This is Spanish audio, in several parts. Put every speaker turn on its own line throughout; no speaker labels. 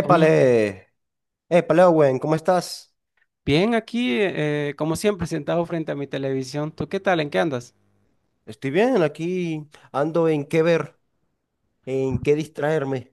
Oye,
Owen, ¿cómo estás?
bien aquí, como siempre, sentado frente a mi televisión. ¿Tú qué tal? ¿En qué andas?
Estoy bien, aquí ando en qué ver, en qué distraerme.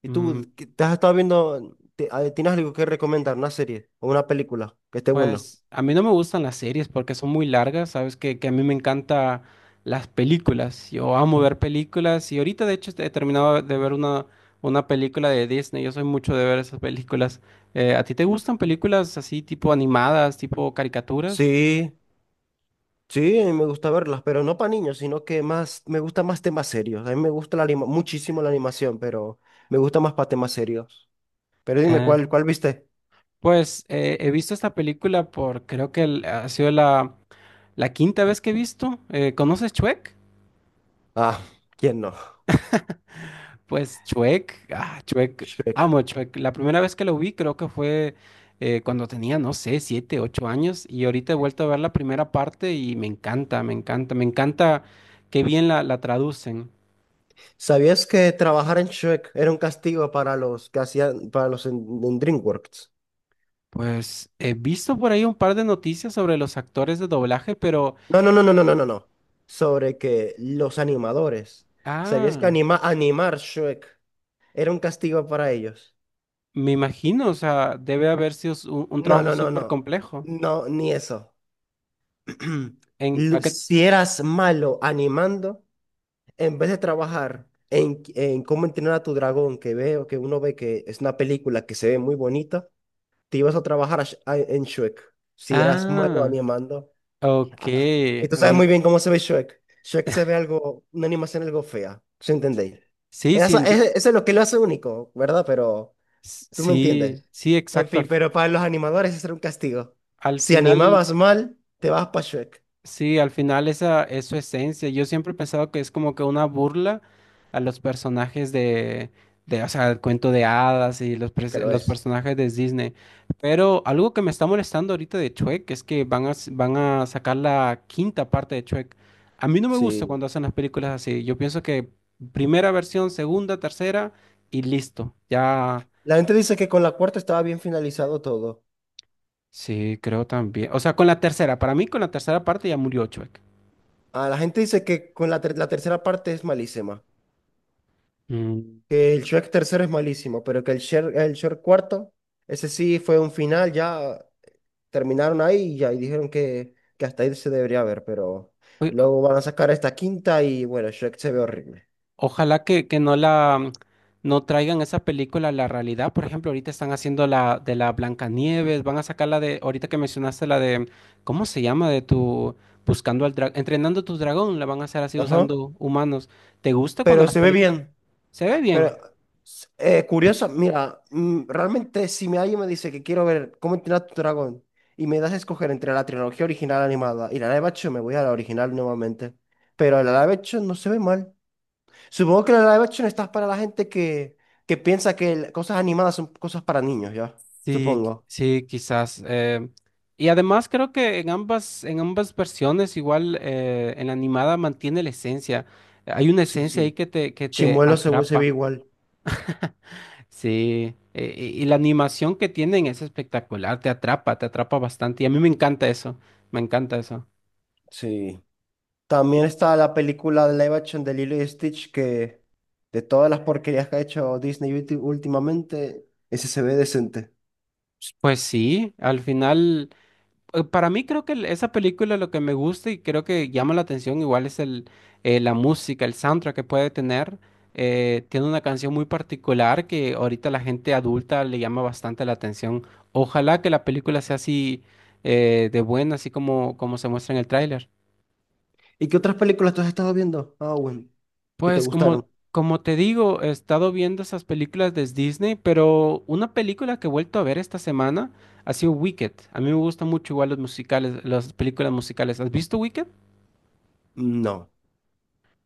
Y tú,
Mm,
¿te has estado viendo, tienes algo que recomendar, una serie o una película que esté buena?
pues a mí no me gustan las series porque son muy largas, sabes que a mí me encantan las películas. Yo amo ver películas y ahorita de hecho he terminado de ver una película de Disney. Yo soy mucho de ver esas películas. ¿A ti te gustan
Ujú.
películas así tipo animadas, tipo caricaturas?
Sí, sí, me gusta verlas, pero no para niños, sino que más, me gusta más temas serios. A mí me gusta muchísimo la animación, pero me gusta más para temas serios. Pero dime,
Eh,
¿cuál viste?
He visto esta película por creo que ha sido la quinta vez que he visto. ¿Conoces Shrek?
Ah, ¿quién no?
Pues Chuek, ah, Chuek,
Shrek.
amo a Chuek. La primera vez que lo vi creo que fue cuando tenía, no sé, siete, ocho años y ahorita he vuelto a ver la primera parte y me encanta, me encanta, me encanta qué bien la traducen.
¿Sabías que trabajar en Shrek era un castigo para los que hacían, para en DreamWorks?
Pues he visto por ahí un par de noticias sobre los actores de doblaje, pero,
No, no. Sobre que los animadores. ¿Sabías que
ah,
animar Shrek era un castigo para ellos?
me imagino, o sea, debe haber sido un
No,
trabajo
no, no,
súper
no.
complejo.
No, ni eso.
En, ¿a qué-
Si eras malo animando, en vez de trabajar en cómo entrenar a tu dragón, que veo, que uno ve que es una película que se ve muy bonita, te ibas a trabajar a en Shrek. Si eras malo
Ah,
animando.
ok,
Ah, y tú sabes muy
ahorita.
bien cómo se ve Shrek. Shrek se ve algo, una animación algo fea, ¿sí entendéis?
Sí, sí,
Eso, eso es lo que lo hace único, ¿verdad? Pero tú me
Sí,
entiendes.
sí,
En
exacto.
fin, pero para los animadores eso era un castigo.
Al
Si
final,
animabas mal, te vas para Shrek.
sí, al final esa es su esencia. Yo siempre he pensado que es como que una burla a los personajes de, o sea, el cuento de hadas y
Es que lo
los
es.
personajes de Disney. Pero algo que me está molestando ahorita de Shrek es que van a sacar la quinta parte de Shrek. A mí no me gusta
Sí.
cuando hacen las películas así. Yo pienso que primera versión, segunda, tercera y listo. Ya,
La gente dice que con la cuarta estaba bien finalizado todo.
sí, creo también. O sea, con la tercera, para mí con la tercera parte ya murió Shrek.
Ah, la gente dice que con la tercera parte es malísima.
Mm.
Que el Shrek tercero es malísimo, pero que el Shrek cuarto, ese sí fue un final ya. Terminaron ahí y ya, y dijeron que hasta ahí se debería ver, pero luego van a sacar esta quinta y bueno, Shrek se ve horrible.
Ojalá que no la no traigan esa película a la realidad. Por ejemplo, ahorita están haciendo la de la Blancanieves, van a sacar la de, ahorita que mencionaste la de, ¿cómo se llama? De tu buscando al dragón, entrenando a tu dragón, la van a hacer así
Ajá,
usando humanos. ¿Te gusta cuando
pero
las
se ve
películas
bien.
se ve
Pero
bien?
curiosa, mira, realmente si me alguien me dice que quiero ver cómo entrenar a tu dragón y me das a escoger entre la trilogía original animada y la live action, me voy a la original nuevamente. Pero la live action no se ve mal. Supongo que la live action está para la gente que piensa que cosas animadas son cosas para niños, ¿ya?
Sí,
Supongo.
sí, quizás. Y además creo que en ambas versiones, igual en la animada mantiene la esencia. Hay una
Sí,
esencia ahí
sí.
que te
Chimuelo se ve
atrapa.
igual.
Sí, y la animación que tienen es espectacular, te atrapa bastante y a mí me encanta eso, me encanta eso.
Sí. También está la película de live action de Lilo y Stitch, que de todas las porquerías que ha hecho Disney últimamente, ese se ve decente.
Pues sí, al final, para mí creo que esa película lo que me gusta y creo que llama la atención igual es la música, el soundtrack que puede tener. Tiene una canción muy particular que ahorita la gente adulta le llama bastante la atención. Ojalá que la película sea así de buena, así como se muestra en el tráiler.
¿Y qué otras películas tú has estado viendo, Owen, que te
Pues
gustaron?
como te digo, he estado viendo esas películas de Disney, pero una película que he vuelto a ver esta semana ha sido Wicked. A mí me gustan mucho igual los musicales, las películas musicales. ¿Has visto Wicked?
No.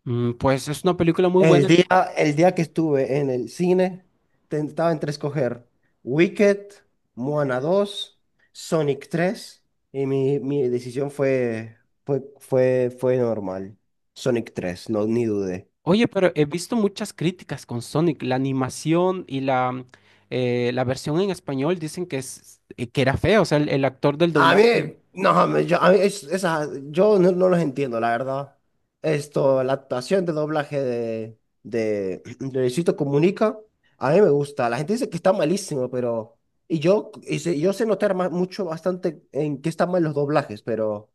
Mm, pues es una película muy
El
buena.
día, el día que estuve en el cine, tentaba entre escoger Wicked, Moana 2, Sonic 3 y mi decisión fue normal. Sonic 3, no, ni dudé.
Oye, pero he visto muchas críticas con Sonic. La animación y la versión en español dicen que, es, que era fea, o sea, el actor del
A mí,
doblaje.
no, yo, a mí yo no, no los entiendo, la verdad. Esto, la actuación de doblaje de Luisito Comunica, a mí me gusta. La gente dice que está malísimo, pero... Y yo, y yo sé notar mucho, bastante en qué están mal los doblajes, pero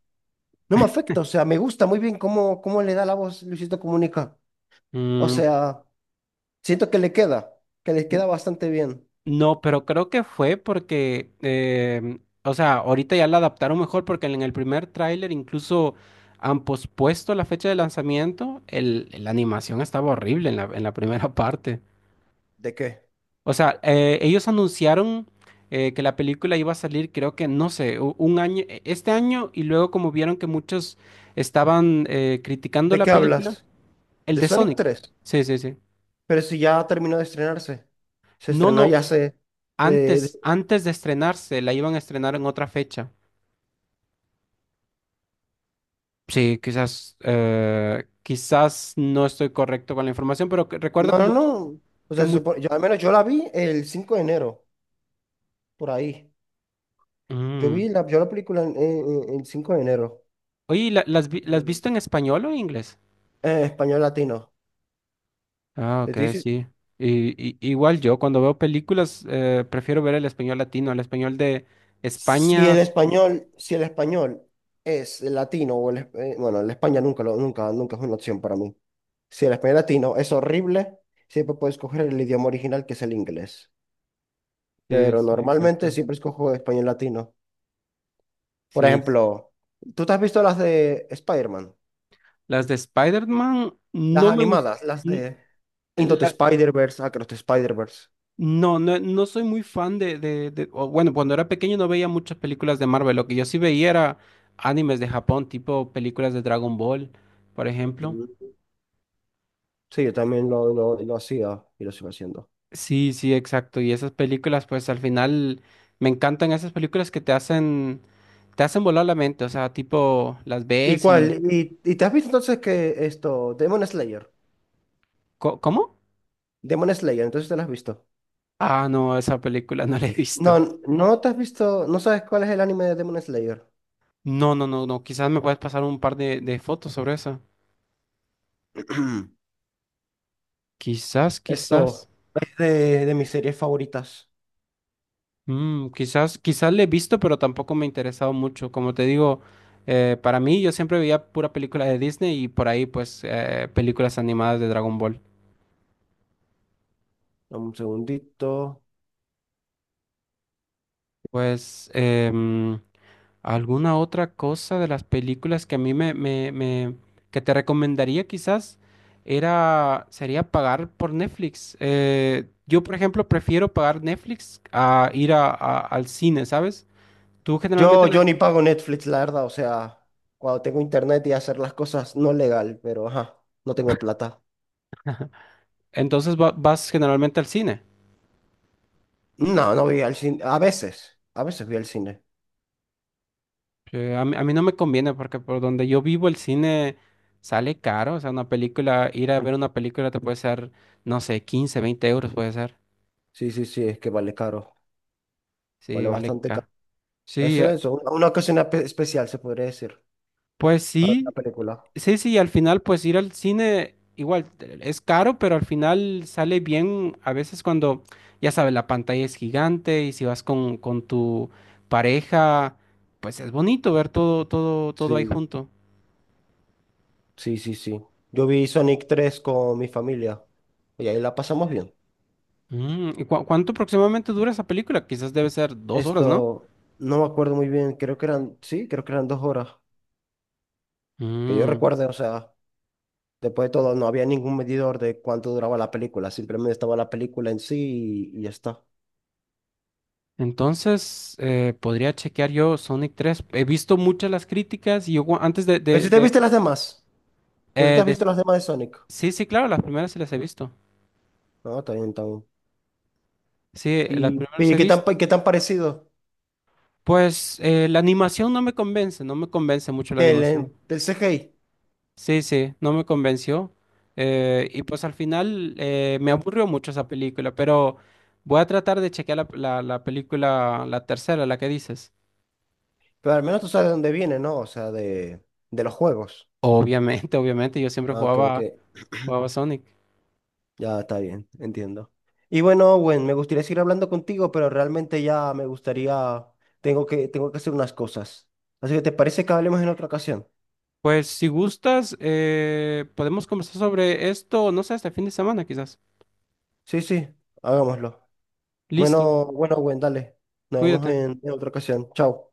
no me afecta. O sea, me gusta muy bien cómo le da la voz Luisito Comunica. O
Mm.
sea, siento que le queda bastante bien.
No, pero creo que fue porque, em, o sea, ahorita ya la adaptaron mejor porque en el primer tráiler incluso han pospuesto la fecha de lanzamiento. El, la animación estaba horrible en en la primera parte.
¿De qué?
O sea, ellos anunciaron que la película iba a salir, creo que, no sé, un año, este año y luego como vieron que muchos estaban criticando
¿De
la
qué
película,
hablas?
el
¿De
de
Sonic
Sonic.
tres.
Sí, sí, sí.
Pero si ya terminó de estrenarse. Se
No,
estrenó
no,
ya hace... eh, de-
antes de estrenarse, la iban a estrenar en otra fecha. Sí, quizás, quizás no estoy correcto con la información, pero recuerdo
no,
que,
no, no. O
que
sea,
mu-
yo, al menos yo la vi el 5 de enero, por ahí. Yo
Mm.
vi yo la película el 5 de enero.
Oye, ¿y ¿las
Mm.
visto en español o en inglés?
Español latino.
Ah,
Te estoy
ok,
dici-
sí. Y, igual yo, cuando veo películas, prefiero ver el español latino, el español de
si
España.
el español, si el español es el latino bueno, el España nunca, nunca es una opción para mí. Si el español latino es horrible, siempre puedes coger el idioma original que es el inglés.
Sí,
Pero
sí,
normalmente
exacto.
siempre escojo español latino. Por
Sí.
ejemplo, ¿tú te has visto las de Spider-Man?
Las de Spider-Man
Las
no me gustan.
animadas, las de Into the Spider-Verse, Across the Spider-Verse.
No, no, no soy muy fan de, o bueno, cuando era pequeño no veía muchas películas de Marvel. Lo que yo sí veía era animes de Japón, tipo películas de Dragon Ball, por ejemplo.
Mm. Sí, yo también lo hacía y lo sigo haciendo.
Sí, sí, exacto. Y esas películas, pues al final me encantan esas películas te hacen volar la mente. O sea, tipo, las
¿Y
ves y...
cuál? Y, ¿y te has visto entonces que esto, Demon Slayer?
¿Cómo?
Demon Slayer, entonces te lo has visto.
Ah, no, esa película no la he visto.
No, no te has visto, no sabes cuál es el anime de Demon Slayer.
No, no, no, no. Quizás me puedes pasar un par de fotos sobre eso. Quizás, quizás.
Esto, es de mis series favoritas.
Mm, quizás, quizás le he visto, pero tampoco me ha interesado mucho. Como te digo, para mí yo siempre veía pura película de Disney y por ahí pues películas animadas de Dragon Ball.
Dame un segundito.
Pues em, alguna otra cosa de las películas que a mí me, me, me- que te recomendaría quizás era sería pagar por Netflix. Yo por ejemplo prefiero pagar Netflix a ir al cine, ¿sabes? Tú generalmente
Yo,
la-
yo ni pago Netflix, la verdad, o sea, cuando tengo internet y hacer las cosas no legal, pero ajá, no tengo plata.
entonces vas generalmente al cine.
No, no voy al cine, a veces voy al cine.
A mí no me conviene porque por donde yo vivo el cine sale caro. O sea, una película, ir a ver una película te puede ser, no sé, 15 20 euros puede ser.
Sí, sí, sí, es que vale caro,
Sí,
vale
vale
bastante caro.
caro.
Es
Sí,
eso, una ocasión especial se podría decir,
pues
para ver la
sí,
película.
sí, sí, al final pues ir al cine igual es caro, pero al final sale bien a veces cuando, ya sabes, la pantalla es gigante y si vas con tu pareja, pues es bonito ver todo, todo, todo ahí
Sí,
junto.
sí, sí, sí. Yo vi Sonic 3 con mi familia y ahí la pasamos bien.
Mm, ¿y cuánto aproximadamente dura esa película? Quizás debe ser 2 horas, ¿no?
Esto, no me acuerdo muy bien, creo que eran, sí, creo que eran 2 horas, que yo
Mm.
recuerde, o sea. Después de todo, no había ningún medidor de cuánto duraba la película, simplemente estaba la película en sí y ya está.
Entonces, podría chequear yo Sonic 3. He visto muchas las críticas y yo cua- antes
Pero si te viste las demás, pero tú te has
de-
visto las demás de Sonic.
Sí, sí, claro, las primeras se las he visto.
No, está bien, está bien.
Sí, las
Y,
primeras
¿y
he
qué tan,
visto.
qué tan parecido
Pues la animación no me convence, no me convence mucho la
que
animación.
del CGI?
Sí, sí, no me convenció. Y pues al final me aburrió mucho esa película, pero voy a tratar de chequear la película, la tercera, la que dices.
Pero al menos tú sabes de dónde viene, ¿no? O sea, de los juegos.
Obviamente, obviamente, yo siempre
Ah, ok, ok.
jugaba Sonic.
Ya está bien, entiendo. Y bueno, Owen, me gustaría seguir hablando contigo, pero realmente ya me gustaría, tengo tengo que hacer unas cosas. Así que, ¿te parece que hablemos en otra ocasión?
Pues si gustas, podemos conversar sobre esto, no sé, este fin de semana quizás.
Sí, sí, hagámoslo.
Listo,
Bueno, bueno, Gwen, dale. Nos vemos
cuídate.
en otra ocasión. Chao.